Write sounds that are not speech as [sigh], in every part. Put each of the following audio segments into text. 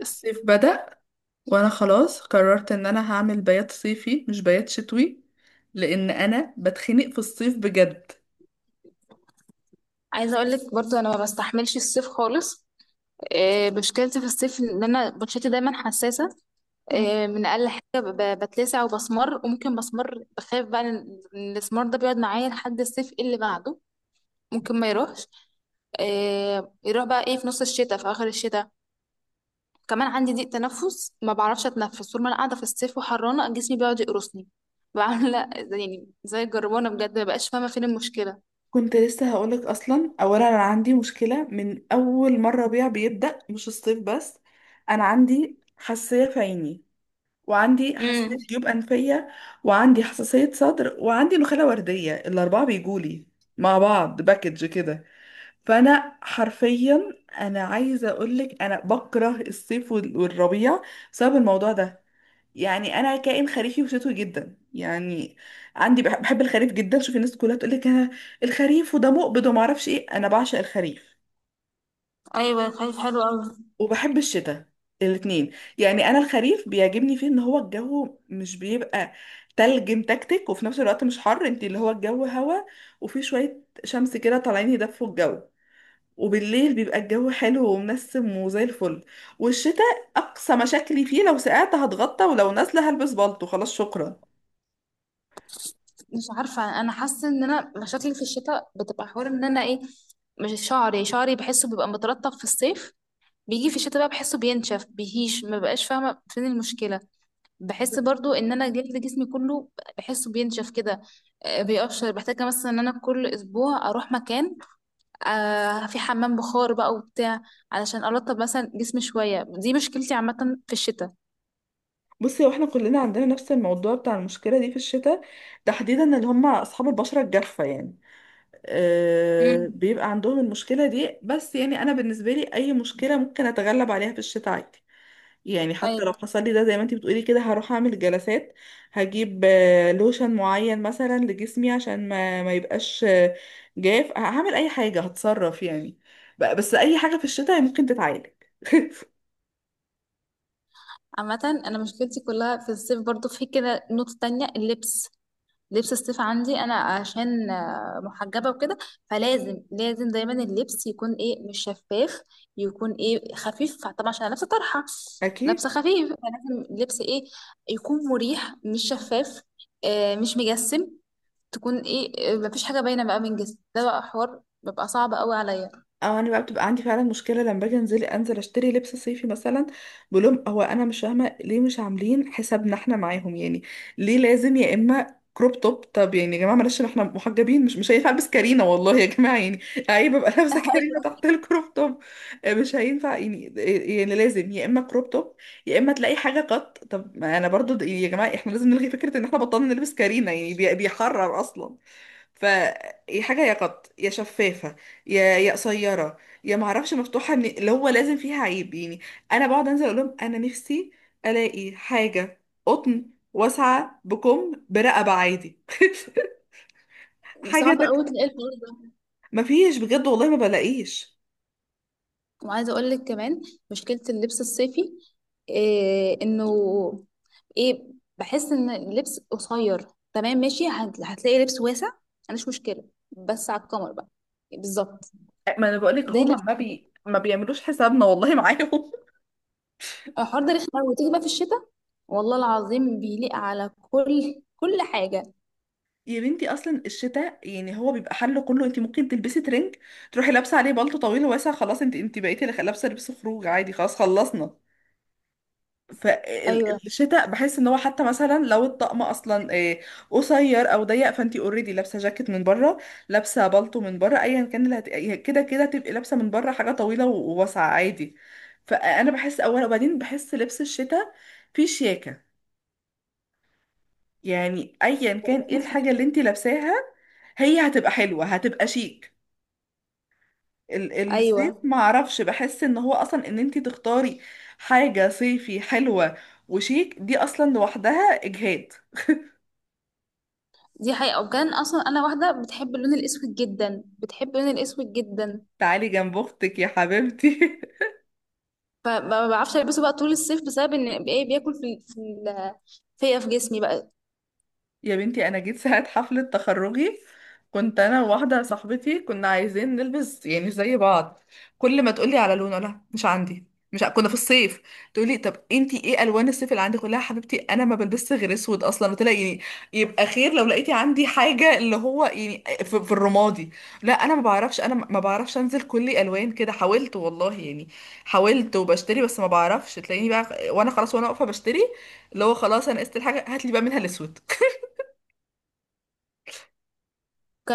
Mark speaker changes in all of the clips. Speaker 1: الصيف بدأ، وانا خلاص قررت ان انا هعمل بيات صيفي مش بيات شتوي، لان انا بتخنق في الصيف بجد.
Speaker 2: عايزه اقول لك برضو انا ما بستحملش الصيف خالص. مشكلتي في الصيف ان انا بشرتي دايما حساسه.
Speaker 1: مم.
Speaker 2: من اقل حاجه بتلسع وبسمر، وممكن بسمر بخاف بقى ان الاسمر ده بيقعد معايا لحد الصيف، إيه اللي بعده؟ ممكن ما يروحش. يروح بقى ايه في نص الشتاء في اخر الشتاء. كمان عندي ضيق تنفس، ما بعرفش اتنفس طول ما انا قاعده في الصيف، وحرانه جسمي بيقعد يقرصني. بعمل [laughs] يعني زي الجربانه بجد، ما بقاش فاهمه فين المشكله.
Speaker 1: كنت لسه هقولك. اصلا اولا انا عندي مشكله من اول مره ربيع بيبدا، مش الصيف بس. انا عندي حساسيه في عيني، وعندي
Speaker 2: امم.
Speaker 1: حساسيه جيوب انفيه، وعندي حساسيه صدر، وعندي نخاله ورديه. الاربعه بيجولي مع بعض باكج كده. فانا حرفيا، انا عايزه اقولك انا بكره الصيف والربيع بسبب الموضوع ده. يعني انا كائن خريفي وشتوي جدا، يعني عندي بحب الخريف جدا. شوفي الناس كلها تقولك انا الخريف وده مقبض وما اعرفش ايه، انا بعشق الخريف
Speaker 2: ايوه، خايف حلو قوي.
Speaker 1: وبحب الشتاء الاتنين. يعني انا الخريف بيعجبني فيه ان هو الجو مش بيبقى تلج متكتك، وفي نفس الوقت مش حر، انت اللي هو الجو هوا، وفي شويه شمس كده طالعين يدفوا الجو، وبالليل بيبقى الجو حلو ومنسم وزي الفل. والشتاء اقصى مشاكلي فيه، لو سقعت هتغطى، ولو نازله هلبس بالطو، خلاص شكرا.
Speaker 2: مش عارفة، أنا حاسة إن أنا مشاكلي في الشتاء بتبقى حوار إن أنا إيه. مش شعري بحسه بيبقى مترطب في الصيف، بيجي في الشتاء بقى بحسه بينشف بيهيش، ما بقاش فاهمة فين المشكلة. بحس برضو إن أنا جلد جسمي كله بحسه بينشف كده. بيقشر، بحتاج مثلا إن أنا كل أسبوع أروح مكان في حمام بخار بقى وبتاع، علشان أرطب مثلا جسمي شوية. دي مشكلتي عامة في الشتاء.
Speaker 1: بصي، واحنا كلنا عندنا نفس الموضوع بتاع المشكله دي في الشتاء، تحديدا اللي هم اصحاب البشره الجافه يعني.
Speaker 2: مم.
Speaker 1: أه، بيبقى عندهم المشكله دي. بس يعني انا بالنسبه لي اي مشكله ممكن اتغلب عليها في الشتاء عادي. يعني حتى لو
Speaker 2: ايوه،
Speaker 1: حصل لي ده زي ما انتي بتقولي كده، هروح اعمل جلسات. هجيب لوشن معين مثلا لجسمي عشان ما يبقاش جاف. هعمل اي حاجة، هتصرف يعني. بس اي حاجة في الشتاء ممكن تتعالج. [laughs]
Speaker 2: عامة انا مشكلتي كلها في الصيف برضو. في كده نقطة تانية، اللبس. لبس الصيف عندي انا عشان محجبه وكده، فلازم لازم دايما اللبس يكون ايه مش شفاف، يكون ايه خفيف طبعا عشان انا لابسه طرحه،
Speaker 1: اكيد.
Speaker 2: لابسه خفيف. فلازم اللبس ايه يكون مريح، مش شفاف، مش مجسم، تكون ايه مفيش حاجه باينه بقى من جسم. ده بقى حوار بيبقى صعب قوي عليا.
Speaker 1: او انا بقى بتبقى عندي فعلا مشكله لما باجي انزل اشتري لبس صيفي مثلا. بقول لهم هو انا مش فاهمه ليه مش عاملين حسابنا احنا معاهم يعني؟ ليه لازم يا اما كروب توب؟ طب يعني يا جماعه، معلش احنا محجبين، مش هينفع البس كارينا، والله يا جماعه، يعني عيب ابقى لابسه
Speaker 2: [laughs]
Speaker 1: كارينا
Speaker 2: ايوه،
Speaker 1: تحت الكروب توب. مش هينفع يعني. يعني لازم يا اما كروب توب، يا اما تلاقي حاجه قط. طب ما انا برضو يعني يا جماعه، احنا لازم نلغي فكره ان احنا بطلنا نلبس كارينا، يعني بيحرر اصلا. فيا حاجة يا قط يا شفافة، يا قصيرة، يا معرفش مفتوحة من اللي هو لازم فيها عيب يعني. أنا بقعد أنزل أقول لهم أنا نفسي ألاقي حاجة قطن واسعة بكم برقبة عادي. [laughs] حاجة
Speaker 2: صعب قوي
Speaker 1: تك...
Speaker 2: تلاقي الحوار.
Speaker 1: مفيش بجد والله ما بلاقيش.
Speaker 2: وعايزه اقول لك كمان، مشكله اللبس الصيفي إيه انه ايه، بحس ان اللبس قصير. تمام، ماشي، هتلاقي لبس واسع، انا مش مشكله، بس على القمر بقى. بالظبط.
Speaker 1: ما انا بقولك
Speaker 2: ده
Speaker 1: هما
Speaker 2: لبس.
Speaker 1: ما بيعملوش حسابنا والله معاهم. [laughs]
Speaker 2: الحوار ده رخم أوي. وتيجي بقى في الشتاء، والله العظيم بيليق على كل حاجه.
Speaker 1: يا بنتي، اصلا الشتاء يعني هو بيبقى حله كله. انت ممكن تلبسي ترنج، تروحي لابسه عليه بلطو طويل واسع، خلاص انت بقيتي لابسه لبس خروج عادي، خلاص خلصنا.
Speaker 2: ايوه،
Speaker 1: فالشتاء بحس ان هو حتى مثلا لو الطقم اصلا قصير او ضيق، فانتي اوريدي لابسه جاكيت من بره، لابسه بالطو من بره، ايا كان اللي هت... كده كده تبقي لابسه من بره حاجه طويله وواسعه عادي. فانا بحس اولا، وبعدين بحس لبس الشتاء فيه شياكه. يعني ايا كان ايه الحاجه اللي انتي لابساها هي هتبقى حلوه، هتبقى شيك. ال-
Speaker 2: ايوه.
Speaker 1: الصيف معرفش، بحس ان هو اصلا ان انتي تختاري حاجه صيفي حلوه وشيك دي اصلا لوحدها اجهاد.
Speaker 2: دي حقيقه، وكان اصلا انا واحده بتحب اللون الاسود جدا، بتحب اللون الاسود جدا.
Speaker 1: تعالي جنب اختك يا حبيبتي. [laughs]
Speaker 2: فما ما بعرفش البسه بقى طول الصيف بسبب ان ايه، بياكل في في ال- فيا في جسمي بقى.
Speaker 1: يا بنتي، انا جيت ساعة حفلة تخرجي، كنت انا وواحدة صاحبتي كنا عايزين نلبس يعني زي بعض. كل ما تقولي على لون، لا مش عندي. مش ع- كنا في الصيف. تقولي طب انتي ايه الوان الصيف اللي عندك؟ قلت لها حبيبتي انا ما بلبسش غير اسود اصلا، قلت لها يعني يبقى خير لو لقيتي عندي حاجه اللي هو يعني في الرمادي. لا انا ما بعرفش، انا ما بعرفش انزل كل الوان كده. حاولت والله يعني، حاولت وبشتري، بس ما بعرفش، تلاقيني بقى وانا خلاص وانا واقفه بشتري اللي هو خلاص انا قست الحاجه، هات لي بقى منها الاسود.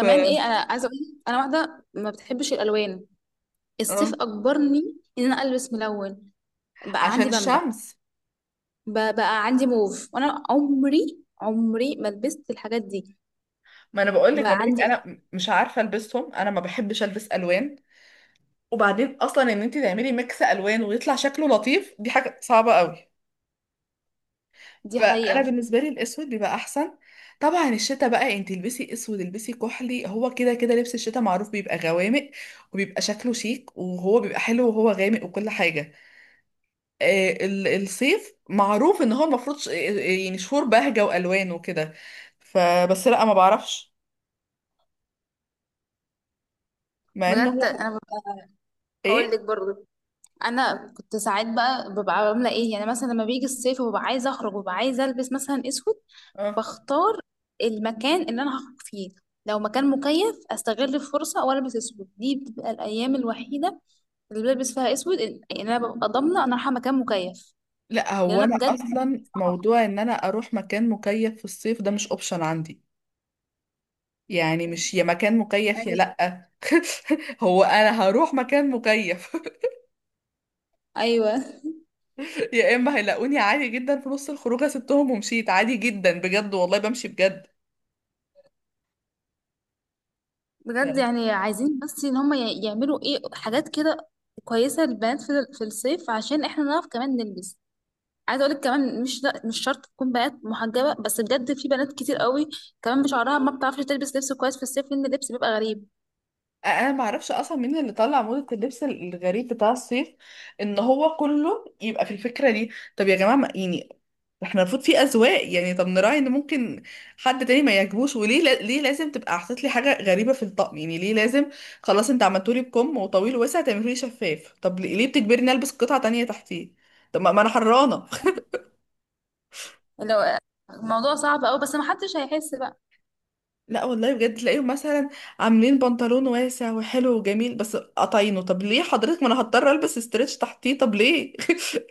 Speaker 1: ف...
Speaker 2: ايه، انا عايزه اقول لك، انا واحده ما بتحبش الالوان، الصيف
Speaker 1: اه،
Speaker 2: اجبرني ان انا البس ملون. بقى
Speaker 1: عشان
Speaker 2: عندي بامبا،
Speaker 1: الشمس.
Speaker 2: بقى عندي موف، وانا عمري عمري ما لبست الحاجات دي.
Speaker 1: ما انا بقول لك،
Speaker 2: بقى
Speaker 1: ما بقولك
Speaker 2: عندي إيه،
Speaker 1: انا مش عارفه البسهم، انا ما بحبش البس الوان. وبعدين اصلا ان انت تعملي ميكس الوان ويطلع شكله لطيف دي حاجه صعبه قوي.
Speaker 2: دي
Speaker 1: فانا
Speaker 2: حقيقه.
Speaker 1: بالنسبه لي الاسود بيبقى احسن. طبعا الشتا بقى انت البسي اسود، البسي كحلي، هو كده كده لبس الشتا معروف بيبقى غوامق، وبيبقى شكله شيك، وهو بيبقى حلو وهو غامق وكل حاجه. آه، الصيف معروف ان هو المفروض يعني شهور بهجه والوان وكده. فبس لا، ما بعرفش مع ان
Speaker 2: بجد
Speaker 1: هو
Speaker 2: انا هقول
Speaker 1: ايه.
Speaker 2: لك برضه، انا كنت ساعات بقى ببقى عامله ايه يعني، مثلا لما بيجي الصيف وببقى عايزه اخرج وببقى عايزه البس مثلا اسود،
Speaker 1: اه.
Speaker 2: بختار المكان اللي انا هخرج فيه. لو مكان مكيف، استغل الفرصه والبس اسود. دي بتبقى الايام الوحيده اللي بلبس فيها اسود، ان انا ببقى ضامنه انا رايحه مكان مكيف.
Speaker 1: لا، هو
Speaker 2: لان انا
Speaker 1: انا
Speaker 2: بجد مكان
Speaker 1: اصلا
Speaker 2: صعب.
Speaker 1: موضوع ان انا اروح مكان مكيف في الصيف ده مش اوبشن عندي. يعني مش يا مكان مكيف يا
Speaker 2: ايوه،
Speaker 1: لا. [laughs] هو انا هروح مكان مكيف؟ [laughs]
Speaker 2: ايوه.
Speaker 1: يا اما هيلاقوني عادي جدا في نص الخروجه سبتهم ومشيت عادي جدا، بجد والله بمشي بجد.
Speaker 2: بجد يعني عايزين بس ان هم يعملوا ايه حاجات كده كويسه للبنات في الصيف، عشان احنا نعرف كمان نلبس. عايزه اقول لك كمان، مش لا مش شرط تكون بنات محجبه، بس بجد في بنات كتير قوي كمان بشعرها ما بتعرفش تلبس لبس كويس في الصيف، لان اللبس بيبقى غريب.
Speaker 1: انا ما اعرفش اصلا مين اللي طلع موضة اللبس الغريب بتاع الصيف، ان هو كله يبقى في الفكرة دي. طب يا جماعة، ما يعني احنا المفروض في اذواق يعني، طب نراعي ان ممكن حد تاني ما يعجبوش. وليه ليه لازم تبقى حاطط لي حاجة غريبة في الطقم، يعني ليه لازم؟ خلاص انت عملتولي بكم وطويل ووسع، تعملولي شفاف؟ طب ليه؟ ليه بتجبرني البس قطعة تانية تحتيه؟ طب ما انا حرانة.
Speaker 2: لو الموضوع صعب قوي، بس ما حدش هيحس بقى.
Speaker 1: لا والله بجد تلاقيهم مثلا عاملين بنطلون واسع وحلو وجميل بس قطعينه. طب ليه حضرتك؟ ما انا هضطر البس استريتش تحتيه، طب ليه؟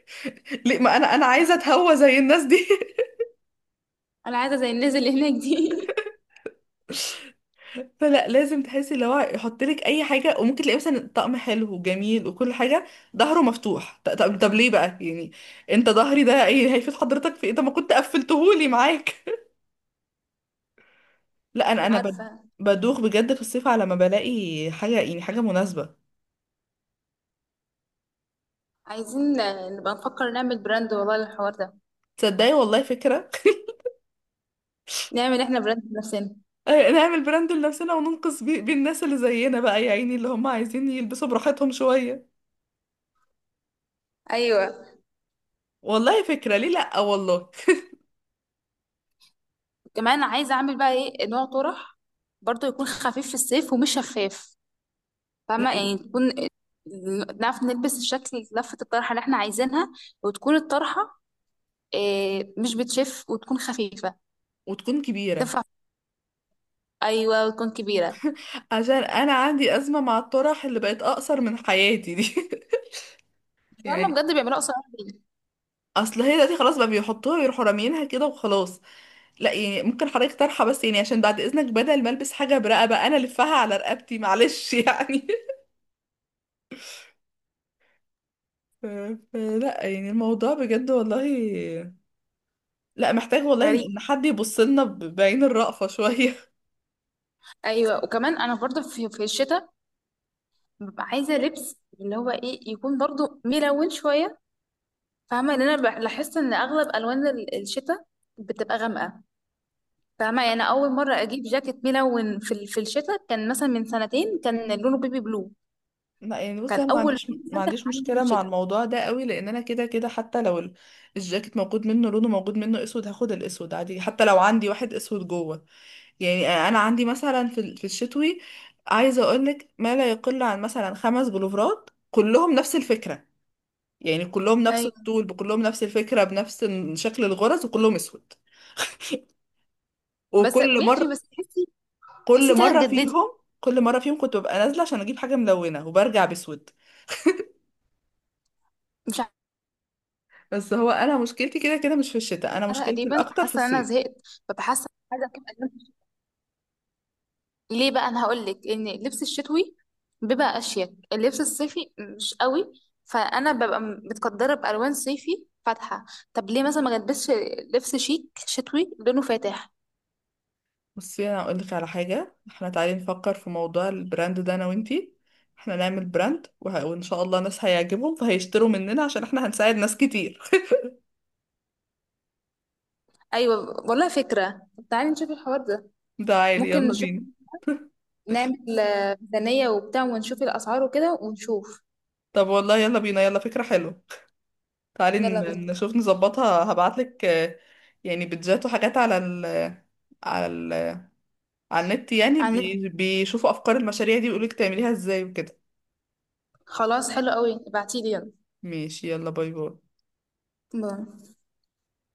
Speaker 1: [laughs] ليه؟ ما انا عايزه اتهوى زي الناس دي. [laughs]
Speaker 2: انا عايزه زي الناس اللي هناك دي.
Speaker 1: فلا، لازم تحسي اللي هو يحط لك اي حاجه. وممكن تلاقي مثلا طقم حلو وجميل وكل حاجه ظهره مفتوح. طب ليه بقى يعني؟ انت ظهري ده ايه هيفيد حضرتك في ايه؟ طب ما كنت قفلتهولي معاك. [laughs] لا
Speaker 2: [laughs] مش
Speaker 1: انا
Speaker 2: عارفه.
Speaker 1: بدوخ بجد في الصيف على ما بلاقي حاجه، يعني حاجه مناسبه.
Speaker 2: عايزين نبقى نفكر نعمل براند والله للحوار ده،
Speaker 1: تصدقي والله فكره.
Speaker 2: نعمل احنا براند لنفسنا.
Speaker 1: نعمل براند لنفسنا وننقذ بيه الناس اللي زينا بقى، يا عيني اللي هم عايزين يلبسوا براحتهم شوية.
Speaker 2: ايوه،
Speaker 1: والله فكرة، ليه لأ، والله. [laughs]
Speaker 2: كمان عايزه اعمل بقى ايه نوع طرح برضه يكون خفيف في الصيف ومش شفاف.
Speaker 1: لا
Speaker 2: فاهمه يعني
Speaker 1: ليه؟
Speaker 2: تكون نعرف نلبس الشكل، لفه الطرحه اللي احنا عايزينها، وتكون الطرحه إيه مش بتشف وتكون خفيفه
Speaker 1: وتكون كبيرة
Speaker 2: تنفع. ايوه، وتكون كبيره.
Speaker 1: عشان أنا عندي أزمة مع الطرح اللي بقت أقصر من حياتي دي. [laughs]
Speaker 2: فاهمه
Speaker 1: يعني
Speaker 2: بجد، بيعملوها قصيره ليه؟
Speaker 1: أصل هي دلوقتي خلاص بقى بيحطوها ويروحوا راميينها كده وخلاص. لا يعني ممكن حضرتك طرحة بس يعني، عشان بعد إذنك بدل ما ألبس حاجة برقبة أنا ألفها على رقبتي، معلش يعني. [laughs] ف- فلا يعني الموضوع بجد والله، لا محتاج والله ان
Speaker 2: غريب.
Speaker 1: إن حد يبص لنا بعين الرأفة شوية. [laughs]
Speaker 2: ايوه، وكمان انا برضه في الشتاء ببقى عايزه لبس اللي هو ايه، يكون برضه ملون شويه. فاهمه ان انا بحس ان اغلب الوان الشتاء بتبقى غامقه. فاهمه يعني، أنا اول مره اجيب جاكيت ملون في الشتاء كان مثلا من سنتين، كان لونه بيبي بلو.
Speaker 1: لا يعني بصي،
Speaker 2: كان
Speaker 1: انا ما
Speaker 2: اول
Speaker 1: عنديش
Speaker 2: لون
Speaker 1: ما
Speaker 2: فاتح
Speaker 1: عنديش
Speaker 2: عندي في
Speaker 1: مشكلة مع
Speaker 2: الشتاء.
Speaker 1: الموضوع ده قوي، لان انا كده كده حتى لو الجاكيت موجود منه لونه، موجود منه اسود، هاخد الاسود عادي، حتى لو عندي واحد اسود جوه. يعني انا عندي مثلا في الشتوي، عايزة اقولك ما لا يقل عن مثلا خمس بلوفرات كلهم نفس الفكرة، يعني كلهم نفس
Speaker 2: ايوه،
Speaker 1: الطول، بكلهم نفس الفكرة، بنفس شكل الغرز، وكلهم اسود. [laughs]
Speaker 2: بس
Speaker 1: وكل
Speaker 2: ماشي،
Speaker 1: مرة،
Speaker 2: بس تحسي
Speaker 1: كل
Speaker 2: انت
Speaker 1: مره
Speaker 2: هتجددي.
Speaker 1: فيهم كل مره فيهم كنت ببقى نازله عشان اجيب حاجه ملونه، وبرجع بسود.
Speaker 2: مش
Speaker 1: بس هو انا مشكلتي كده كده مش في الشتاء، انا
Speaker 2: عارفه،
Speaker 1: مشكلتي
Speaker 2: تقريبا
Speaker 1: الاكتر في
Speaker 2: حاسه ان انا
Speaker 1: الصيف.
Speaker 2: زهقت، فبحس عايزه اجيب ألوان. ليه بقى؟ انا هقول لك، ان اللبس الشتوي بيبقى اشيك، اللبس الصيفي مش قوي. فانا ببقى متقدره بالوان صيفي فاتحه، طب ليه مثلا ما البسش لبس شيك شتوي لونه فاتح.
Speaker 1: بصي انا اقول لك على حاجه، احنا تعالي نفكر في موضوع البراند ده انا وانتي. احنا نعمل براند وان شاء الله ناس هيعجبهم فهيشتروا مننا، عشان احنا هنساعد ناس كتير.
Speaker 2: ايوه، والله فكره. تعالي نشوف الحوار ده،
Speaker 1: [laughs] تعالي
Speaker 2: ممكن
Speaker 1: يلا
Speaker 2: نشوف
Speaker 1: بينا.
Speaker 2: نعمل ميزانيه وبتاع، ونشوف الاسعار وكده، ونشوف.
Speaker 1: طب والله يلا بينا، يلا فكره حلوه. تعالي
Speaker 2: يلا بينا.
Speaker 1: نشوف نظبطها، هبعتلك يعني بيدجات وحاجات على ال على النت، يعني
Speaker 2: عن-
Speaker 1: بي... بيشوفوا افكار المشاريع دي ويقولك تعمليها ازاي وكده.
Speaker 2: خلاص حلو قوي، ابعتيلي، يلا
Speaker 1: ماشي، يلا باي باي.
Speaker 2: باي.